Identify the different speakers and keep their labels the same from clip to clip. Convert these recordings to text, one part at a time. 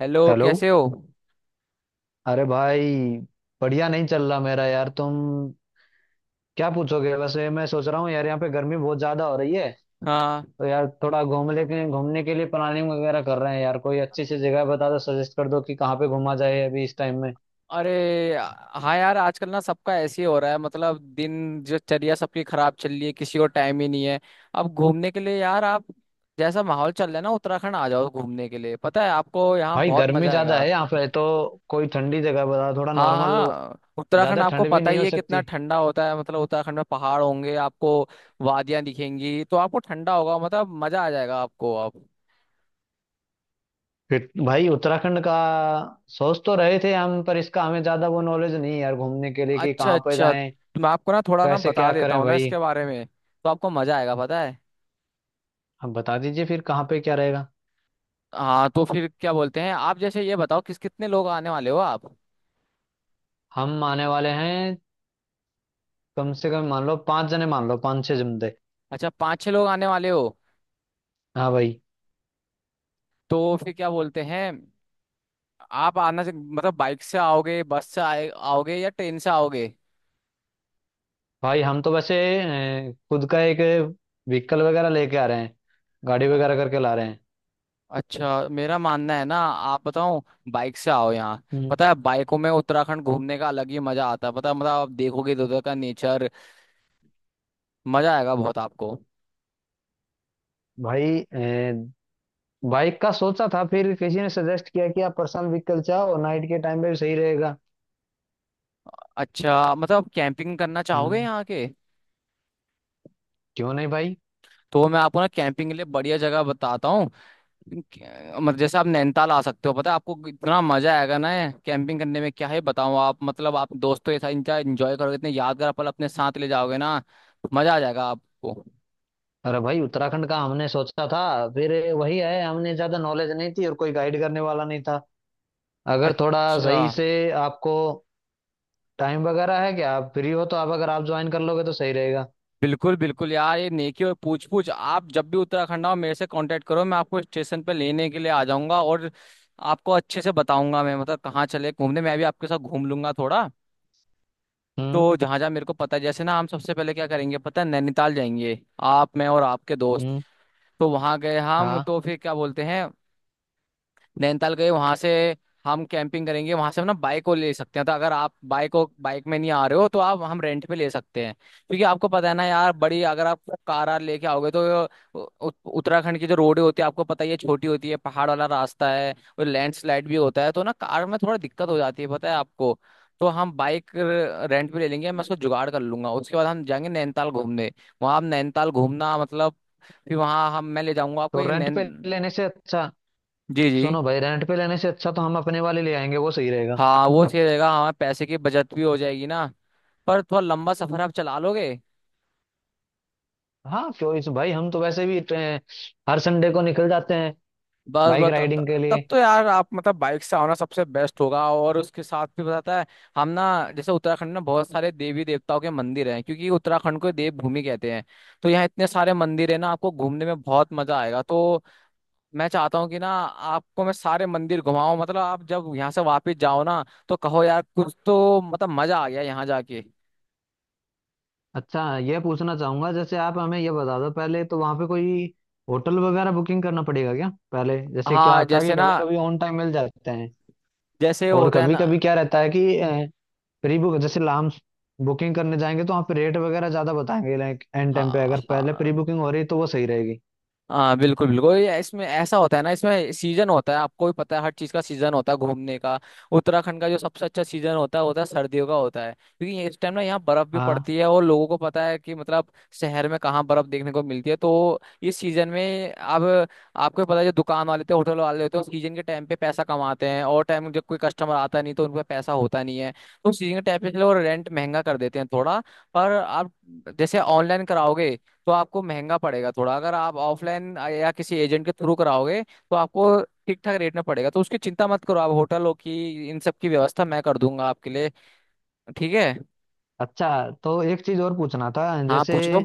Speaker 1: Hello,
Speaker 2: hello.
Speaker 1: कैसे हो।
Speaker 2: अरे भाई, बढ़िया नहीं चल रहा मेरा यार। तुम क्या पूछोगे वैसे। मैं सोच रहा हूँ यार, यहाँ पे गर्मी बहुत ज्यादा हो रही है,
Speaker 1: हाँ।
Speaker 2: तो यार थोड़ा घूम लेके घूमने के लिए प्लानिंग वगैरह कर रहे हैं। यार कोई अच्छी सी जगह बता दो, सजेस्ट कर दो कि कहाँ पे घूमा जाए अभी इस टाइम में।
Speaker 1: अरे, हाँ यार, आजकल ना सबका ऐसे ही हो रहा है, मतलब दिन जो चर्या सबकी खराब चल रही है, किसी को टाइम ही नहीं है। अब घूमने के लिए यार आप, जैसा माहौल चल रहा है ना, उत्तराखंड आ जाओ घूमने के लिए। पता है आपको, यहाँ
Speaker 2: भाई
Speaker 1: बहुत
Speaker 2: गर्मी
Speaker 1: मजा
Speaker 2: ज्यादा
Speaker 1: आएगा।
Speaker 2: है यहाँ पे, तो कोई ठंडी जगह बता दो, थोड़ा
Speaker 1: हाँ
Speaker 2: नॉर्मल।
Speaker 1: हाँ, उत्तराखंड
Speaker 2: ज्यादा
Speaker 1: आपको
Speaker 2: ठंड भी
Speaker 1: पता
Speaker 2: नहीं
Speaker 1: ही
Speaker 2: हो
Speaker 1: है कितना
Speaker 2: सकती।
Speaker 1: ठंडा होता है, मतलब उत्तराखंड में पहाड़ होंगे, आपको वादियां दिखेंगी, तो आपको ठंडा होगा, मतलब मजा आ जाएगा आपको। अब,
Speaker 2: फिर भाई उत्तराखंड का सोच तो रहे थे हम, पर इसका हमें ज्यादा वो नॉलेज नहीं है यार, घूमने के लिए कि
Speaker 1: अच्छा
Speaker 2: कहाँ पे
Speaker 1: अच्छा,
Speaker 2: जाएं।
Speaker 1: तो मैं आपको ना थोड़ा ना
Speaker 2: कैसे
Speaker 1: बता
Speaker 2: क्या
Speaker 1: देता
Speaker 2: करें
Speaker 1: हूँ ना
Speaker 2: भाई,
Speaker 1: इसके बारे में, तो आपको मजा आएगा, पता है।
Speaker 2: आप बता दीजिए फिर कहाँ पे क्या रहेगा।
Speaker 1: हाँ, तो फिर क्या बोलते हैं आप, जैसे ये बताओ किस कितने लोग आने वाले हो आप।
Speaker 2: हम आने वाले हैं कम से कम, मान लो पांच जने, मान लो पांच छह जमते।
Speaker 1: अच्छा, पाँच छह लोग आने वाले हो।
Speaker 2: हाँ भाई।
Speaker 1: तो फिर क्या बोलते हैं आप, मतलब बाइक से आओगे, बस से आए आओगे, या ट्रेन से आओगे।
Speaker 2: भाई हम तो वैसे खुद का एक व्हीकल वगैरह लेके आ रहे हैं, गाड़ी वगैरह
Speaker 1: अ-
Speaker 2: करके ला रहे हैं।
Speaker 1: अच्छा, मेरा मानना है ना, आप बताओ, बाइक से आओ यहाँ।
Speaker 2: हम्म।
Speaker 1: पता है, बाइकों में उत्तराखंड घूमने का अलग ही मजा आता है, पता है। मतलब आप देखोगे इधर उधर का नेचर, मजा आएगा बहुत आपको।
Speaker 2: भाई बाइक का सोचा था, फिर किसी ने सजेस्ट किया कि आप पर्सनल व्हीकल चाहो, नाइट के टाइम पे भी सही रहेगा।
Speaker 1: अच्छा, मतलब आप कैंपिंग करना चाहोगे
Speaker 2: हम्म,
Speaker 1: यहाँ के।
Speaker 2: क्यों नहीं भाई।
Speaker 1: तो मैं आपको ना कैंपिंग के लिए बढ़िया जगह बताता हूँ। मतलब जैसे आप नैनीताल आ सकते हो, पता है आपको इतना मजा आएगा ना। कैंपिंग करने में क्या है बताऊं आप, मतलब आप दोस्तों के साथ इंजॉय enjoy करोगे, इतने यादगार पल अपने साथ ले जाओगे ना। मजा आ जाएगा आपको।
Speaker 2: अरे भाई उत्तराखंड का हमने सोचा था, फिर वही है, हमने ज्यादा नॉलेज नहीं थी और कोई गाइड करने वाला नहीं था। अगर थोड़ा
Speaker 1: अच्छा,
Speaker 2: सही से आपको टाइम वगैरह है क्या, आप फ्री हो तो, आप अगर आप ज्वाइन कर लोगे तो सही रहेगा।
Speaker 1: बिल्कुल बिल्कुल यार, ये नेकी और पूछ पूछ, आप जब भी उत्तराखंड आओ मेरे से कांटेक्ट करो, मैं आपको स्टेशन पे लेने के लिए आ जाऊंगा, और आपको अच्छे से बताऊंगा मैं, मतलब कहाँ चले घूमने, मैं भी आपके साथ घूम लूंगा थोड़ा। तो
Speaker 2: हम्म।
Speaker 1: जहां जहां मेरे को पता है, जैसे ना हम सबसे पहले क्या करेंगे पता है, नैनीताल जाएंगे, आप, मैं और आपके दोस्त।
Speaker 2: हम्म।
Speaker 1: तो वहां गए हम,
Speaker 2: हाँ,
Speaker 1: तो फिर क्या बोलते हैं, नैनीताल गए, वहां से हम कैंपिंग करेंगे, वहां से हम ना बाइक को ले सकते हैं। तो अगर आप बाइक को, बाइक में नहीं आ रहे हो, तो आप, हम रेंट पे ले सकते हैं, क्योंकि आपको पता है ना यार, बड़ी अगर आप कार आर लेके आओगे तो उत्तराखंड की जो रोड होती है आपको पता ही है छोटी होती है, पहाड़ वाला रास्ता है और लैंडस्लाइड भी होता है, तो ना कार में थोड़ा दिक्कत हो जाती है, पता है आपको। तो हम बाइक रेंट पे ले लेंगे, मैं उसको जुगाड़ कर लूंगा। उसके बाद हम जाएंगे नैनीताल घूमने। वहां आप नैनीताल घूमना, मतलब फिर वहाँ हम, मैं ले जाऊंगा आपको
Speaker 2: तो
Speaker 1: एक
Speaker 2: रेंट
Speaker 1: नैन
Speaker 2: पे लेने से अच्छा,
Speaker 1: जी जी।
Speaker 2: सुनो भाई, रेंट पे लेने से अच्छा तो हम अपने वाले ले आएंगे, वो सही रहेगा।
Speaker 1: हाँ वो सही रहेगा, हमारे पैसे की बचत भी हो जाएगी ना। पर थोड़ा लंबा सफर आप चला लोगे।
Speaker 2: हाँ, क्यों इस भाई, हम तो वैसे भी हर संडे को निकल जाते हैं
Speaker 1: बस
Speaker 2: बाइक
Speaker 1: बता,
Speaker 2: राइडिंग के
Speaker 1: तब
Speaker 2: लिए।
Speaker 1: तो यार आप मतलब बाइक से आओना सबसे बेस्ट होगा, और उसके साथ भी बताता है हम ना, जैसे उत्तराखंड में बहुत सारे देवी देवताओं के मंदिर हैं क्योंकि उत्तराखंड को देव भूमि कहते हैं। तो यहाँ इतने सारे मंदिर है ना, आपको घूमने में बहुत मजा आएगा। तो मैं चाहता हूँ कि ना आपको मैं सारे मंदिर घुमाऊं, मतलब आप जब यहाँ से वापस जाओ ना, तो कहो यार कुछ तो, मतलब मजा आ गया यहाँ जाके।
Speaker 2: अच्छा, ये पूछना चाहूंगा जैसे, आप हमें ये बता दो पहले, तो वहाँ पे कोई होटल वगैरह बुकिंग करना पड़ेगा क्या पहले? जैसे क्या
Speaker 1: हाँ
Speaker 2: होता है
Speaker 1: जैसे
Speaker 2: कि
Speaker 1: ना,
Speaker 2: कभी कभी ऑन टाइम मिल जाते हैं,
Speaker 1: जैसे
Speaker 2: और
Speaker 1: होता है
Speaker 2: कभी
Speaker 1: ना।
Speaker 2: कभी क्या रहता है कि प्री बुक, जैसे लाम बुकिंग करने जाएंगे तो वहाँ पे रेट वगैरह ज्यादा बताएंगे। लाइक एंड टाइम पे
Speaker 1: हाँ
Speaker 2: अगर पहले प्री
Speaker 1: हाँ
Speaker 2: बुकिंग हो रही तो वो सही रहेगी।
Speaker 1: हाँ, बिल्कुल बिल्कुल, ये इसमें ऐसा होता है ना, इसमें सीजन होता है, आपको भी पता है हर चीज का सीजन होता है घूमने का। उत्तराखंड का जो सबसे अच्छा सीजन होता है, होता है सर्दियों का होता है, क्योंकि इस टाइम ना यहाँ बर्फ भी
Speaker 2: हाँ।
Speaker 1: पड़ती है, और लोगों को पता है कि मतलब शहर में कहाँ बर्फ देखने को मिलती है। तो इस सीजन में अब आपको पता है, जो दुकान वाले होते हैं, होटल वाले होते हैं, सीजन के टाइम पे पैसा कमाते हैं, और टाइम जब कोई कस्टमर आता नहीं तो उनका पैसा होता नहीं है। तो सीजन के टाइम पे चलो रेंट महंगा कर देते हैं थोड़ा। पर आप जैसे ऑनलाइन कराओगे, तो आपको महंगा पड़ेगा थोड़ा। अगर आप ऑफलाइन या किसी एजेंट के थ्रू कराओगे, तो आपको ठीक ठाक रेट में पड़ेगा। तो उसकी चिंता मत करो आप, होटलों की इन सब की व्यवस्था मैं कर दूंगा आपके लिए। ठीक है।
Speaker 2: अच्छा, तो एक चीज और पूछना था
Speaker 1: हाँ,
Speaker 2: जैसे,
Speaker 1: पूछो।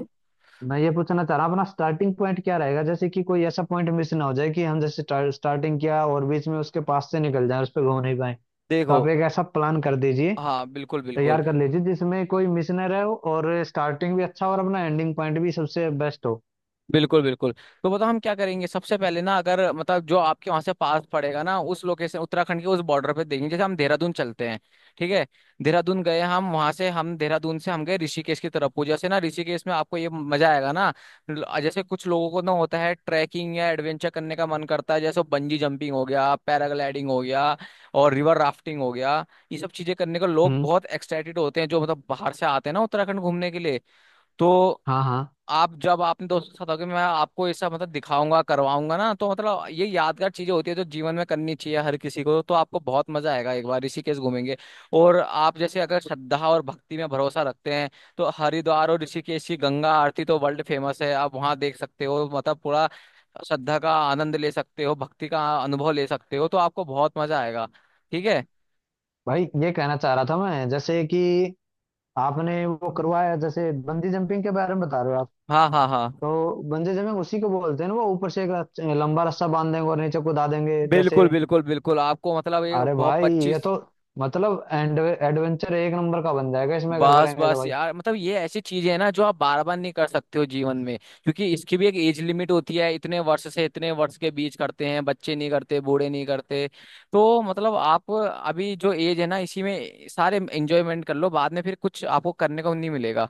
Speaker 2: मैं ये पूछना चाह रहा हूँ, अपना स्टार्टिंग पॉइंट क्या रहेगा? जैसे कि कोई ऐसा पॉइंट मिस ना हो जाए कि हम जैसे स्टार्टिंग किया और बीच में उसके पास से निकल जाए, उस पर घूम नहीं पाए। तो आप
Speaker 1: देखो,
Speaker 2: एक ऐसा प्लान कर दीजिए,
Speaker 1: हाँ बिल्कुल बिल्कुल,
Speaker 2: तैयार कर लीजिए जिसमें कोई मिस ना रहे हो, और स्टार्टिंग भी अच्छा हो और अपना एंडिंग पॉइंट भी सबसे बेस्ट हो।
Speaker 1: बिल्कुल बिल्कुल। तो बताओ हम क्या करेंगे सबसे पहले ना, अगर मतलब जो आपके वहां से पास पड़ेगा ना, उस लोकेशन उत्तराखंड के उस बॉर्डर पे देखेंगे। जैसे हम देहरादून चलते हैं, ठीक है। देहरादून गए हम, वहां से हम देहरादून से हम गए ऋषिकेश की तरफ को। जैसे ना, ऋषिकेश में आपको ये मजा आएगा ना, जैसे कुछ लोगों को ना होता है ट्रैकिंग या एडवेंचर करने का मन करता है। जैसे बंजी जंपिंग हो गया, पैराग्लाइडिंग हो गया, और रिवर राफ्टिंग हो गया, ये सब चीजें करने को लोग
Speaker 2: हम्म।
Speaker 1: बहुत एक्साइटेड होते हैं, जो मतलब बाहर से आते हैं ना उत्तराखंड घूमने के लिए। तो
Speaker 2: हाँ हाँ।
Speaker 1: आप जब आपने दोस्तों के साथ होगे, मैं आपको ऐसा मतलब दिखाऊंगा, करवाऊंगा ना, तो मतलब ये यादगार चीजें होती है जो जीवन में करनी चाहिए हर किसी को, तो आपको बहुत मजा आएगा, एक बार ऋषिकेश घूमेंगे। और आप जैसे अगर श्रद्धा और भक्ति में भरोसा रखते हैं, तो हरिद्वार और ऋषिकेश की गंगा आरती तो वर्ल्ड फेमस है, आप वहां देख सकते हो, मतलब पूरा श्रद्धा का आनंद ले सकते हो, भक्ति का अनुभव ले सकते हो, तो आपको बहुत मजा आएगा। ठीक है।
Speaker 2: भाई ये कहना चाह रहा था मैं, जैसे कि आपने वो करवाया, जैसे बंजी जंपिंग के बारे में बता रहे हो आप,
Speaker 1: हाँ हाँ हाँ,
Speaker 2: तो बंजी जंपिंग उसी को बोलते हैं ना, वो ऊपर से एक लंबा रस्सा बांध देंगे और नीचे कूदा देंगे जैसे।
Speaker 1: बिल्कुल बिल्कुल बिल्कुल, आपको मतलब ये
Speaker 2: अरे
Speaker 1: बहुत
Speaker 2: भाई ये
Speaker 1: पच्चीस
Speaker 2: तो मतलब एंड एडवेंचर एक नंबर का बन जाएगा इसमें, अगर
Speaker 1: बस
Speaker 2: करेंगे तो
Speaker 1: बस
Speaker 2: भाई।
Speaker 1: यार, मतलब ये ऐसी चीज है ना जो आप बार बार नहीं कर सकते हो जीवन में, क्योंकि इसकी भी एक एज लिमिट होती है, इतने वर्ष से इतने वर्ष के बीच करते हैं, बच्चे नहीं करते, बूढ़े नहीं करते। तो मतलब आप अभी जो एज है ना, इसी में सारे एंजॉयमेंट कर लो, बाद में फिर कुछ आपको करने को नहीं मिलेगा।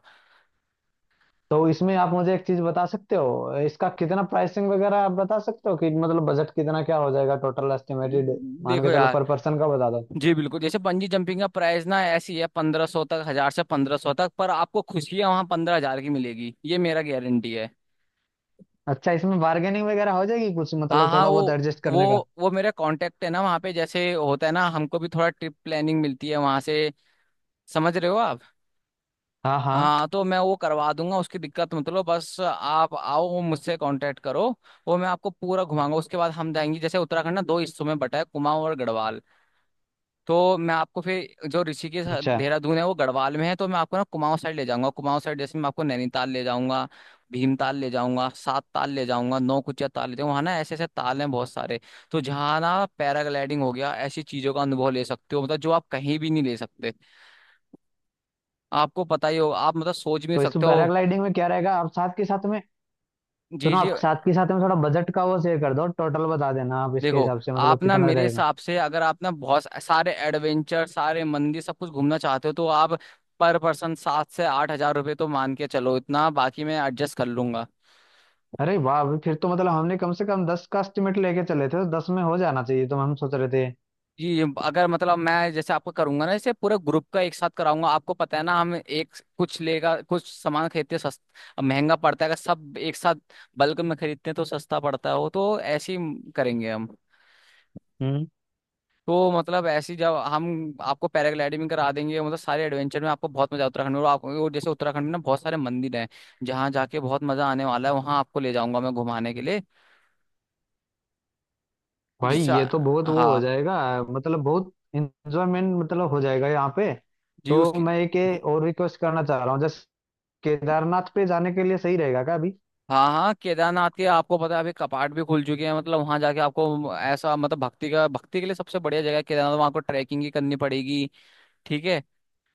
Speaker 2: तो इसमें आप मुझे एक चीज बता सकते हो, इसका कितना प्राइसिंग वगैरह आप बता सकते हो कि मतलब बजट कितना क्या हो जाएगा टोटल एस्टिमेटेड? मान
Speaker 1: देखो
Speaker 2: के चलो,
Speaker 1: यार,
Speaker 2: पर पर्सन का बता दो।
Speaker 1: जी बिल्कुल, जैसे बंजी जंपिंग का प्राइस ना ऐसी है 1500 तक, 1000 से 1500 तक, पर आपको खुशियां वहां 15,000 की मिलेगी, ये मेरा गारंटी है।
Speaker 2: अच्छा, इसमें बार्गेनिंग वगैरह हो जाएगी कुछ,
Speaker 1: हाँ
Speaker 2: मतलब
Speaker 1: हाँ,
Speaker 2: थोड़ा बहुत एडजस्ट
Speaker 1: वो
Speaker 2: करने का?
Speaker 1: वो मेरा कांटेक्ट है ना वहाँ पे, जैसे होता है ना, हमको भी थोड़ा ट्रिप प्लानिंग मिलती है वहाँ से। समझ रहे हो आप।
Speaker 2: हाँ हाँ।
Speaker 1: हाँ, तो मैं वो करवा दूंगा, उसकी दिक्कत मत लो, बस आप आओ मुझसे कांटेक्ट करो, वो मैं आपको पूरा घुमाऊंगा। उसके बाद हम जाएंगे, जैसे उत्तराखंड ना दो हिस्सों में बटा है, कुमाऊं और गढ़वाल। तो मैं आपको फिर, जो ऋषिकेश
Speaker 2: अच्छा,
Speaker 1: देहरादून है वो गढ़वाल में है, तो मैं आपको ना कुमाऊं साइड ले जाऊंगा। कुमाऊं साइड जैसे मैं आपको नैनीताल ले जाऊंगा, भीमताल ले जाऊंगा, सात ताल ले जाऊंगा, नौकुचिया ताल ले जाऊंगा। वहाँ ना ऐसे ऐसे ताल हैं बहुत सारे। तो जहाँ ना पैराग्लाइडिंग हो गया, ऐसी चीजों का अनुभव ले सकते हो, मतलब जो आप कहीं भी नहीं ले सकते, आपको पता ही होगा, आप मतलब सोच भी नहीं
Speaker 2: तो
Speaker 1: सकते
Speaker 2: इसमें
Speaker 1: हो।
Speaker 2: पैराग्लाइडिंग में क्या रहेगा, आप साथ के साथ में,
Speaker 1: जी
Speaker 2: सुनो,
Speaker 1: जी।
Speaker 2: आप साथ के साथ में थोड़ा बजट का वो शेयर कर दो, टोटल बता देना आप इसके
Speaker 1: देखो,
Speaker 2: हिसाब से, मतलब
Speaker 1: आप ना
Speaker 2: कितना
Speaker 1: मेरे
Speaker 2: रहेगा।
Speaker 1: हिसाब से, अगर आप ना बहुत सारे एडवेंचर, सारे मंदिर, सब कुछ घूमना चाहते हो, तो आप पर पर्सन 7 से 8 हज़ार रुपये तो मान के चलो, इतना बाकी मैं एडजस्ट कर लूंगा।
Speaker 2: अरे वाह, अभी फिर तो मतलब हमने कम से कम दस का एस्टिमेट लेके चले थे, तो दस में हो जाना चाहिए तो, हम सोच रहे थे।
Speaker 1: जी, अगर मतलब मैं जैसे आपको करूंगा ना, जैसे पूरा ग्रुप का एक साथ कराऊंगा, आपको पता है ना हम एक कुछ लेगा, कुछ सामान खरीदते सस्ता महंगा पड़ता है, अगर सब एक साथ बल्क में खरीदते हैं तो सस्ता पड़ता है, वो तो ऐसे ही करेंगे हम।
Speaker 2: हम्म।
Speaker 1: तो मतलब ऐसी जब हम आपको पैराग्लाइडिंग करा देंगे, मतलब सारे एडवेंचर में आपको बहुत मजा उत्तराखंड में, और आपको और जैसे उत्तराखंड में ना बहुत सारे मंदिर हैं, जहाँ जाके बहुत मजा आने वाला है, वहाँ आपको ले जाऊंगा मैं घुमाने के लिए।
Speaker 2: भाई
Speaker 1: जिससे।
Speaker 2: ये तो बहुत वो हो
Speaker 1: हाँ।
Speaker 2: जाएगा, मतलब बहुत इंजॉयमेंट मतलब हो जाएगा यहाँ पे।
Speaker 1: जी
Speaker 2: तो
Speaker 1: उसकी।
Speaker 2: मैं एक ये और रिक्वेस्ट करना चाह रहा हूँ जैसे, केदारनाथ पे जाने के लिए सही रहेगा क्या अभी?
Speaker 1: हाँ हाँ, केदारनाथ के आपको पता है अभी कपाट भी खुल चुके हैं, मतलब वहाँ जाके आपको ऐसा, मतलब भक्ति का, भक्ति के लिए सबसे बढ़िया जगह है केदारनाथ। वहाँ आपको ट्रैकिंग ही करनी पड़ेगी, ठीक है।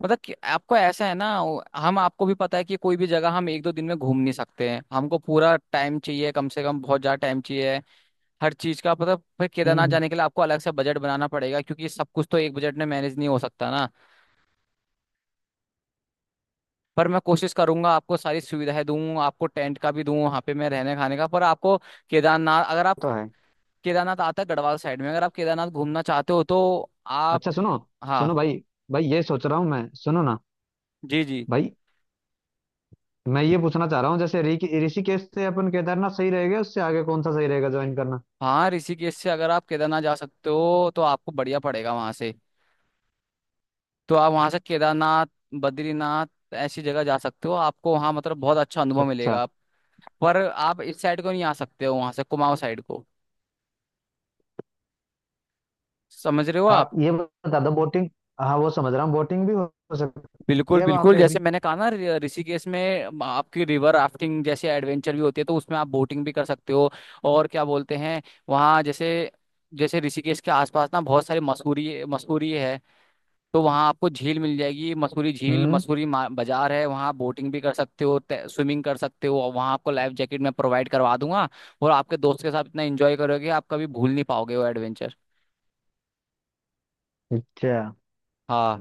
Speaker 1: मतलब कि आपको ऐसा है ना, हम आपको भी पता है कि कोई भी जगह हम एक दो दिन में घूम नहीं सकते हैं, हमको पूरा टाइम चाहिए, कम से कम बहुत ज्यादा टाइम चाहिए हर चीज का। मतलब फिर केदारनाथ
Speaker 2: हम्म।
Speaker 1: जाने के लिए आपको अलग से बजट बनाना पड़ेगा, क्योंकि सब कुछ तो एक बजट में मैनेज नहीं हो सकता ना। पर मैं कोशिश करूंगा आपको सारी सुविधाएं दूं, आपको टेंट का भी दूं वहां पे, मैं रहने खाने का, पर आपको केदारनाथ अगर आप,
Speaker 2: तो है,
Speaker 1: केदारनाथ आता है गढ़वाल साइड में। अगर आप केदारनाथ घूमना चाहते हो तो आप।
Speaker 2: अच्छा सुनो,
Speaker 1: हाँ।
Speaker 2: सुनो भाई, भाई ये सोच रहा हूँ मैं, सुनो ना
Speaker 1: जी जी।
Speaker 2: भाई, मैं ये पूछना चाह रहा हूँ जैसे, ऋषिकेश से अपन केदारनाथ सही रहेगा, उससे आगे कौन सा सही रहेगा ज्वाइन करना?
Speaker 1: हाँ, ऋषिकेश से अगर आप केदारनाथ जा सकते हो तो आपको बढ़िया पड़ेगा वहां से। तो आप वहां से केदारनाथ, बद्रीनाथ, ऐसी जगह जा सकते हो, आपको वहां मतलब बहुत अच्छा अनुभव
Speaker 2: अच्छा।
Speaker 1: मिलेगा। पर आप इस साइड को नहीं आ सकते हो वहां से, कुमाऊं साइड को। समझ रहे हो आप।
Speaker 2: आप ये बता दो, बोटिंग, हाँ वो समझ रहा हूँ, बोटिंग भी हो सकती
Speaker 1: बिल्कुल
Speaker 2: है वहां
Speaker 1: बिल्कुल,
Speaker 2: पे
Speaker 1: जैसे
Speaker 2: अभी?
Speaker 1: मैंने कहा ना, ऋषिकेश में आपकी रिवर राफ्टिंग जैसे एडवेंचर भी होती है, तो उसमें आप बोटिंग भी कर सकते हो। और क्या बोलते हैं, वहाँ जैसे, जैसे ऋषिकेश के आसपास ना बहुत सारी मसूरी, मसूरी है, तो वहाँ आपको झील मिल जाएगी, मसूरी झील,
Speaker 2: हम्म।
Speaker 1: मसूरी बाजार है, वहाँ बोटिंग भी कर सकते हो, स्विमिंग कर सकते हो, और वहाँ आपको लाइफ जैकेट मैं प्रोवाइड करवा दूंगा। और आपके दोस्त के साथ इतना एंजॉय करोगे आप, कभी भूल नहीं पाओगे वो एडवेंचर।
Speaker 2: अच्छा,
Speaker 1: हाँ।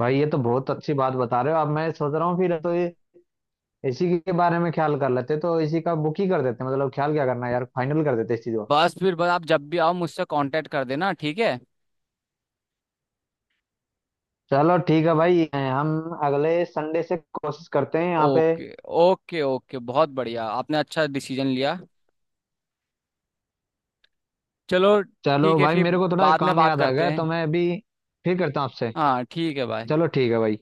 Speaker 2: भाई ये तो बहुत अच्छी बात बता रहे हो। अब मैं सोच रहा हूँ फिर तो ये, इसी के बारे में ख्याल कर लेते तो इसी का बुक ही कर देते, मतलब ख्याल क्या करना है यार, फाइनल कर देते इस चीज को।
Speaker 1: बस फिर बस आप जब भी आओ मुझसे कांटेक्ट कर देना, ठीक है।
Speaker 2: चलो ठीक है भाई, हम अगले संडे से कोशिश करते हैं यहाँ पे।
Speaker 1: ओके। ओके ओके, बहुत बढ़िया, आपने अच्छा डिसीजन लिया। चलो ठीक
Speaker 2: चलो
Speaker 1: है
Speaker 2: भाई,
Speaker 1: फिर,
Speaker 2: मेरे को थोड़ा
Speaker 1: बाद में
Speaker 2: काम
Speaker 1: बात
Speaker 2: याद आ
Speaker 1: करते
Speaker 2: गया, तो
Speaker 1: हैं।
Speaker 2: मैं अभी फिर करता हूँ आपसे।
Speaker 1: हाँ ठीक है, बाय।
Speaker 2: चलो ठीक है भाई।